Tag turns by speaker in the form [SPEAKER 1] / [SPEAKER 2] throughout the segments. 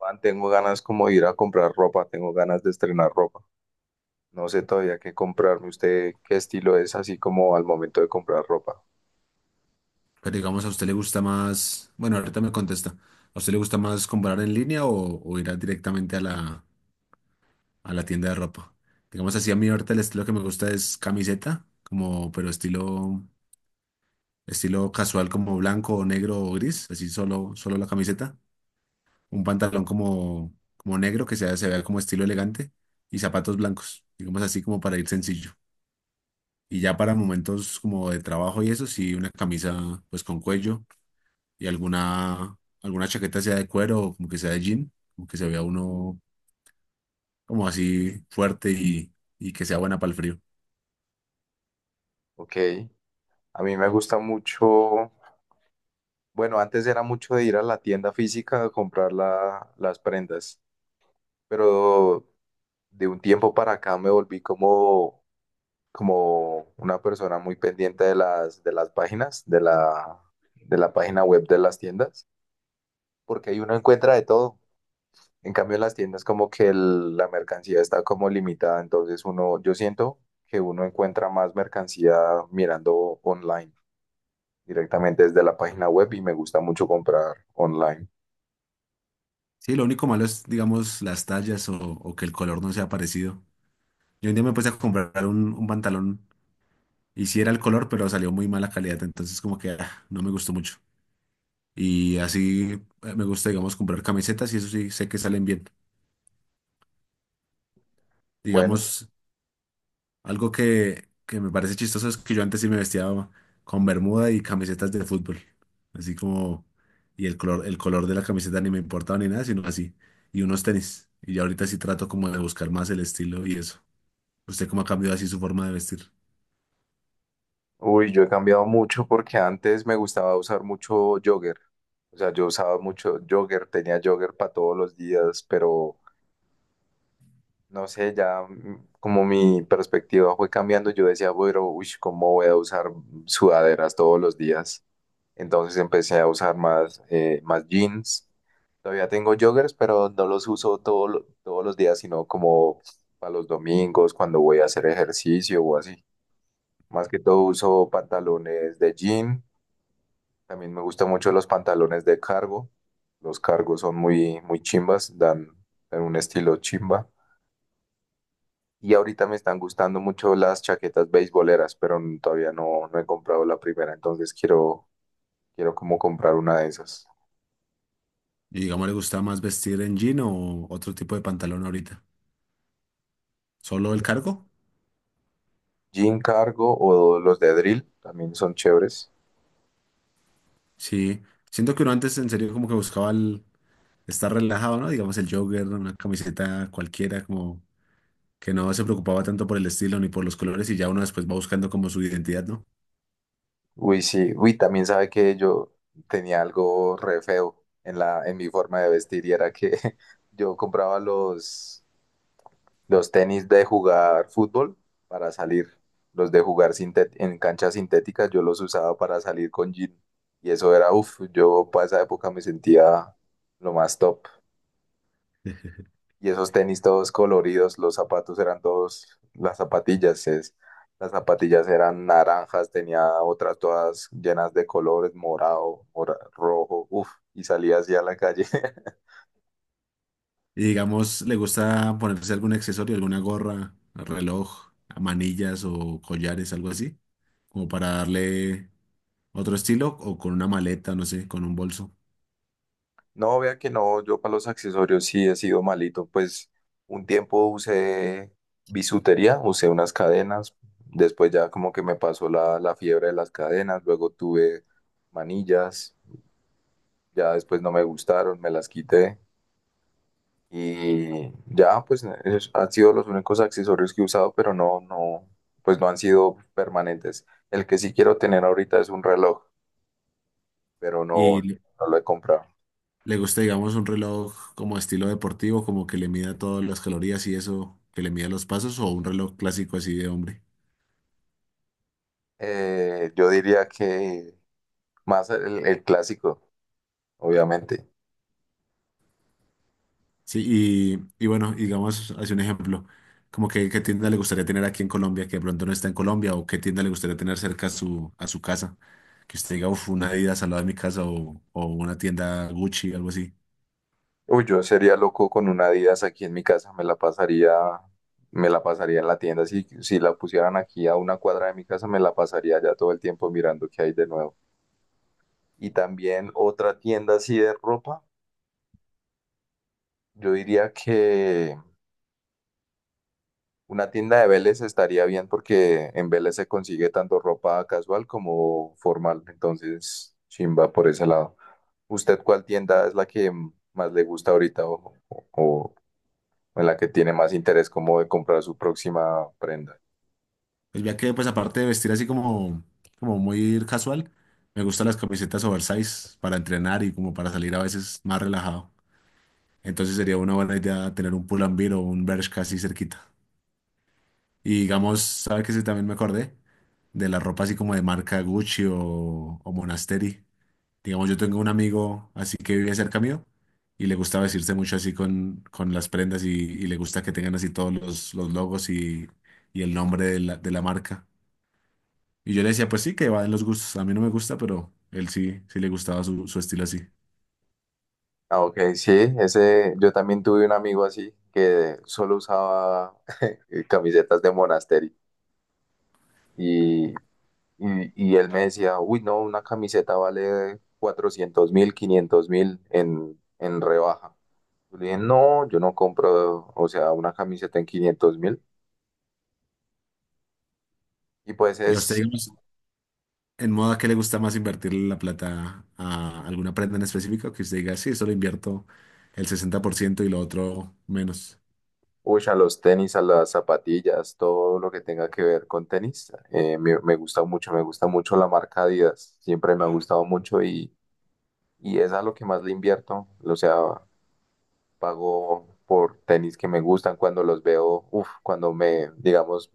[SPEAKER 1] Man, tengo ganas como de ir a comprar ropa, tengo ganas de estrenar ropa. No sé todavía qué comprarme. ¿Usted qué estilo es así como al momento de comprar ropa?
[SPEAKER 2] Pero digamos, ¿a usted le gusta más? Bueno, ahorita me contesta. ¿A usted le gusta más comprar en línea o directamente a la tienda de ropa? Digamos así, a mí ahorita el estilo que me gusta es camiseta, como, pero estilo casual, como blanco o negro o gris, así solo la camiseta. Un pantalón como negro que sea, se vea como estilo elegante y zapatos blancos, digamos así como para ir sencillo. Y ya para momentos como de trabajo y eso, sí, una camisa pues con cuello y alguna chaqueta sea de cuero o como que sea de jean, como que se vea uno como así fuerte y que sea buena para el frío.
[SPEAKER 1] Ok, a mí me gusta mucho, bueno, antes era mucho de ir a la tienda física a comprar las prendas, pero de un tiempo para acá me volví como, como una persona muy pendiente de de las páginas, de la página web de las tiendas, porque ahí uno encuentra de todo. En cambio, en las tiendas como que la mercancía está como limitada, entonces uno, yo siento que uno encuentra más mercancía mirando online, directamente desde la página web y me gusta mucho comprar online.
[SPEAKER 2] Sí, lo único malo es, digamos, las tallas o que el color no sea parecido. Yo un día me puse a comprar un pantalón y sí era el color, pero salió muy mala calidad, entonces como que ah, no me gustó mucho. Y así me gusta, digamos, comprar camisetas y eso sí sé que salen bien.
[SPEAKER 1] Bueno,
[SPEAKER 2] Digamos, algo que me parece chistoso es que yo antes sí me vestía con bermuda y camisetas de fútbol. Así como, y el color de la camiseta ni me importaba ni nada, sino así. Y unos tenis. Y ya ahorita sí trato como de buscar más el estilo y eso. ¿Usted cómo ha cambiado así su forma de vestir?
[SPEAKER 1] uy, yo he cambiado mucho porque antes me gustaba usar mucho jogger, o sea, yo usaba mucho jogger, tenía jogger para todos los días, pero no sé, ya como mi perspectiva fue cambiando, yo decía, bueno, uy, ¿cómo voy a usar sudaderas todos los días? Entonces empecé a usar más, más jeans. Todavía tengo joggers, pero no los uso todos los días, sino como para los domingos, cuando voy a hacer ejercicio o así. Más que todo uso pantalones de jean. También me gustan mucho los pantalones de cargo. Los cargos son muy, muy chimbas, dan, dan un estilo chimba. Y ahorita me están gustando mucho las chaquetas beisboleras, pero todavía no he comprado la primera, entonces quiero, quiero como comprar una de esas.
[SPEAKER 2] Y digamos, ¿le gusta más vestir en jean o otro tipo de pantalón ahorita? ¿Solo el cargo?
[SPEAKER 1] Jim Cargo o los de Drill también son chéveres.
[SPEAKER 2] Sí. Siento que uno antes en serio como que buscaba el estar relajado, ¿no? Digamos el jogger, una camiseta cualquiera, como que no se preocupaba tanto por el estilo ni por los colores y ya uno después va buscando como su identidad, ¿no?
[SPEAKER 1] Uy, sí, uy, también sabe que yo tenía algo re feo en mi forma de vestir y era que yo compraba los tenis de jugar fútbol para salir, los de jugar en canchas sintéticas, yo los usaba para salir con jean y eso era, uff, yo para esa época me sentía lo más top. Y esos tenis todos coloridos, los zapatos eran todos, las zapatillas, las zapatillas eran naranjas, tenía otras todas llenas de colores, morado, rojo, uff, y salía así a la calle.
[SPEAKER 2] Y digamos, le gusta ponerse algún accesorio, alguna gorra, reloj, manillas o collares, algo así, como para darle otro estilo o con una maleta, no sé, con un bolso.
[SPEAKER 1] No, vea que no, yo para los accesorios sí he sido malito, pues un tiempo usé bisutería, usé unas cadenas, después ya como que me pasó la fiebre de las cadenas, luego tuve manillas, ya después no me gustaron, me las quité. Y ya, pues han sido los únicos accesorios que he usado, pero no, no, pues no han sido permanentes. El que sí quiero tener ahorita es un reloj, pero no,
[SPEAKER 2] Y le
[SPEAKER 1] no lo he comprado.
[SPEAKER 2] le gusta, digamos, un reloj como estilo deportivo, como que le mida todas las calorías y eso, que le mida los pasos o un reloj clásico así de hombre.
[SPEAKER 1] Yo diría que más el clásico, obviamente.
[SPEAKER 2] Sí, y bueno, y digamos, hace un ejemplo, como que qué tienda le gustaría tener aquí en Colombia, que de pronto no está en Colombia, o qué tienda le gustaría tener cerca a su casa, que usted diga, uff, una Adidas al lado de mi casa, o una tienda Gucci, algo así.
[SPEAKER 1] Uy, yo sería loco con una Adidas aquí en mi casa, me la pasaría en la tienda. Si, si la pusieran aquí a una cuadra de mi casa, me la pasaría ya todo el tiempo mirando qué hay de nuevo. Y también otra tienda así de ropa. Yo diría que una tienda de Vélez estaría bien porque en Vélez se consigue tanto ropa casual como formal. Entonces, chimba por ese lado. ¿Usted cuál tienda es la que más le gusta ahorita o en la que tiene más interés como de comprar su próxima prenda?
[SPEAKER 2] Pues ya que, pues aparte de vestir así como, como muy casual, me gustan las camisetas oversize para entrenar y como para salir a veces más relajado. Entonces sería una buena idea tener un Pull&Bear o un Bershka así cerquita. Y digamos, ¿sabes qué? Sí, también me acordé de la ropa así como de marca Gucci o Monasteri. Digamos, yo tengo un amigo así que vive cerca mío y le gusta vestirse mucho así con las prendas y le gusta que tengan así todos los logos y el nombre de la marca. Y yo le decía, pues sí, que va en los gustos. A mí no me gusta, pero él sí, sí le gustaba su, su estilo así.
[SPEAKER 1] Ah, ok, sí, ese, yo también tuve un amigo así que solo usaba camisetas de monasterio. Y él me decía, uy, no, una camiseta vale 400.000, 500.000 en rebaja. Yo le dije, no, yo no compro, o sea, una camiseta en 500.000. Y pues
[SPEAKER 2] Y a usted,
[SPEAKER 1] es,
[SPEAKER 2] digamos, en modo, ¿a qué le gusta más invertirle la plata a alguna prenda en específico? Que usted diga, sí, solo invierto el 60% y lo otro menos.
[SPEAKER 1] uy, a los tenis, a las zapatillas, todo lo que tenga que ver con tenis. Me, me gusta mucho la marca Adidas. Siempre me ha gustado mucho y es a lo que más le invierto. O sea, pago por tenis que me gustan cuando los veo, uff, cuando me, digamos,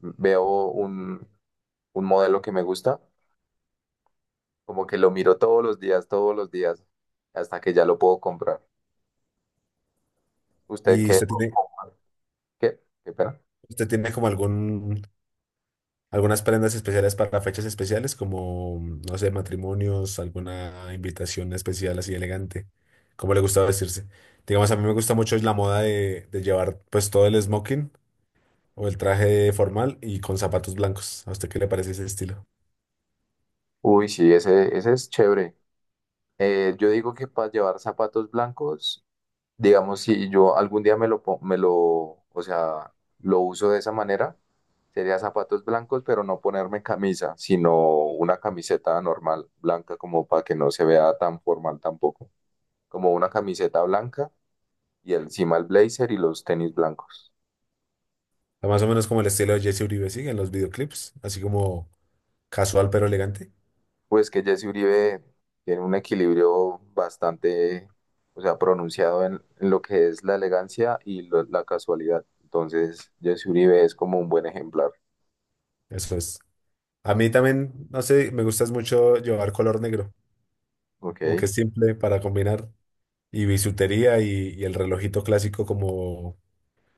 [SPEAKER 1] veo un modelo que me gusta, como que lo miro todos los días, hasta que ya lo puedo comprar. ¿Usted
[SPEAKER 2] ¿Y
[SPEAKER 1] qué?
[SPEAKER 2] usted tiene,
[SPEAKER 1] ¿Qué? ¿Qué pena?
[SPEAKER 2] usted tiene como algún, algunas prendas especiales para fechas especiales, como, no sé, matrimonios, alguna invitación especial así elegante? ¿Cómo le gusta vestirse? Digamos, a mí me gusta mucho la moda de llevar pues todo el smoking o el traje formal y con zapatos blancos. ¿A usted qué le parece ese estilo?
[SPEAKER 1] Uy, sí, ese es chévere. Yo digo que para llevar zapatos blancos, digamos, si yo algún día me me lo, o sea, lo uso de esa manera, sería zapatos blancos, pero no ponerme camisa, sino una camiseta normal, blanca, como para que no se vea tan formal tampoco. Como una camiseta blanca y encima el blazer y los tenis blancos.
[SPEAKER 2] Sea, más o menos como el estilo de Jesse Uribe, ¿sí? En los videoclips, así como casual pero elegante.
[SPEAKER 1] Pues que Jesse Uribe tiene un equilibrio bastante, o sea, pronunciado en lo que es la elegancia y la casualidad. Entonces, Jesse Uribe es como un buen ejemplar,
[SPEAKER 2] Eso es. A mí también, no sé, me gusta mucho llevar color negro,
[SPEAKER 1] ¿ok?
[SPEAKER 2] como que es simple para combinar y bisutería y el relojito clásico como,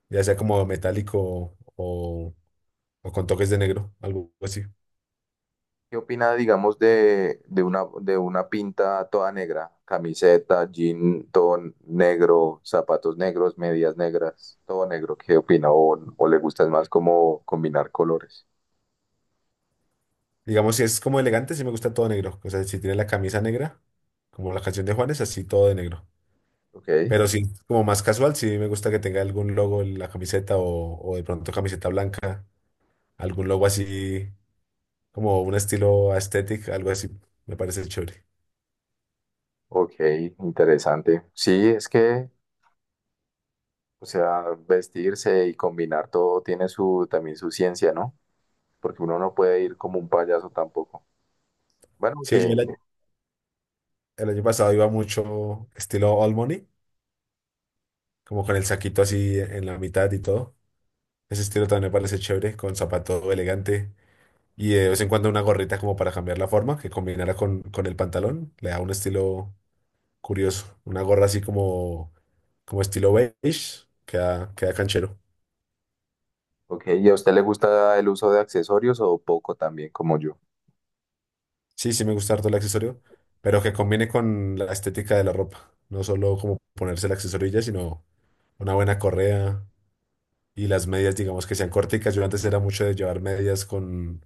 [SPEAKER 2] ya sea como metálico o con toques de negro, algo así.
[SPEAKER 1] ¿Qué opina, digamos, de una pinta toda negra? Camiseta, jean, todo negro, zapatos negros, medias negras, todo negro. ¿Qué opina? O le gusta más como combinar colores?
[SPEAKER 2] Digamos, si es como elegante, sí me gusta todo negro. O sea, si tiene la camisa negra, como la canción de Juanes, así todo de negro.
[SPEAKER 1] ¿Ok?
[SPEAKER 2] Pero sí, como más casual, sí me gusta que tenga algún logo en la camiseta o de pronto camiseta blanca. Algún logo así, como un estilo aesthetic, algo así, me parece chévere.
[SPEAKER 1] Ok, interesante. Sí, es que, o sea, vestirse y combinar todo tiene su también su ciencia, ¿no? Porque uno no puede ir como un payaso tampoco. Bueno,
[SPEAKER 2] Sí, yo
[SPEAKER 1] que,
[SPEAKER 2] el año pasado iba mucho estilo All Money, como con el saquito así en la mitad y todo. Ese estilo también me parece chévere, con zapato elegante y de vez en cuando una gorrita como para cambiar la forma, que combinara con el pantalón. Le da un estilo curioso. Una gorra así como, como estilo beige, queda, queda canchero.
[SPEAKER 1] ok, ¿y a usted le gusta el uso de accesorios o poco también como yo?
[SPEAKER 2] Sí, sí me gusta harto el accesorio, pero que combine con la estética de la ropa. No solo como ponerse el accesorio y ya, sino una buena correa y las medias, digamos, que sean corticas. Yo antes era mucho de llevar medias con,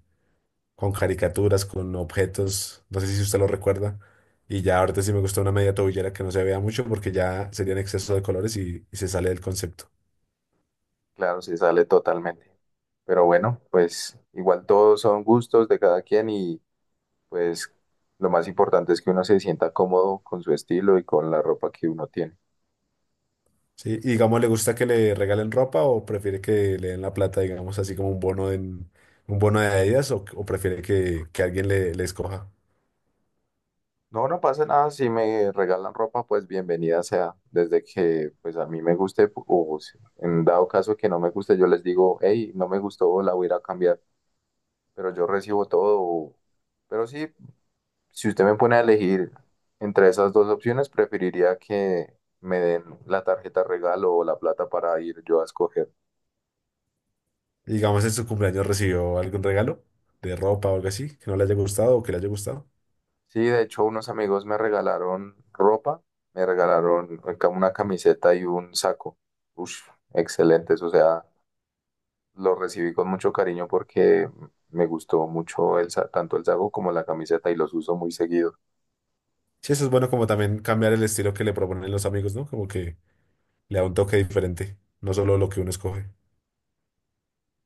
[SPEAKER 2] con caricaturas, con objetos. No sé si usted lo recuerda. Y ya ahorita sí me gusta una media tobillera que no se vea mucho porque ya sería en exceso de colores y se sale del concepto.
[SPEAKER 1] Claro, se sale totalmente. Pero bueno, pues igual todos son gustos de cada quien y pues lo más importante es que uno se sienta cómodo con su estilo y con la ropa que uno tiene.
[SPEAKER 2] Sí, y digamos, ¿le gusta que le regalen ropa o prefiere que le den la plata, digamos, así como un bono en un bono de Adidas o prefiere que alguien le escoja?
[SPEAKER 1] No, no pasa nada. Si me regalan ropa, pues bienvenida sea. Desde que pues a mí me guste, o en dado caso que no me guste, yo les digo, hey, no me gustó, la voy a ir a cambiar. Pero yo recibo todo. O- Pero sí, si usted me pone a elegir entre esas dos opciones, preferiría que me den la tarjeta regalo o la plata para ir yo a escoger.
[SPEAKER 2] Y digamos, en su cumpleaños recibió algún regalo de ropa o algo así, que no le haya gustado o que le haya gustado.
[SPEAKER 1] Sí, de hecho, unos amigos me regalaron ropa, me regalaron una camiseta y un saco. Ush, excelentes, o sea. Lo recibí con mucho cariño porque me gustó mucho tanto el saco como la camiseta y los uso muy seguido.
[SPEAKER 2] Sí, eso es bueno como también cambiar el estilo que le proponen los amigos, ¿no? Como que le da un toque diferente, no solo lo que uno escoge.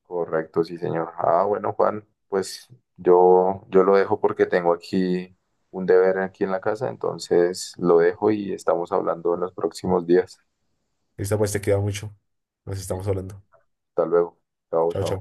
[SPEAKER 1] Correcto, sí, señor. Ah, bueno, Juan, pues yo lo dejo porque tengo aquí un deber aquí en la casa, entonces lo dejo y estamos hablando en los próximos días.
[SPEAKER 2] Esta pues te queda mucho. Nos estamos
[SPEAKER 1] Listo,
[SPEAKER 2] hablando.
[SPEAKER 1] hasta luego. Chao,
[SPEAKER 2] Chao,
[SPEAKER 1] chao.
[SPEAKER 2] chao.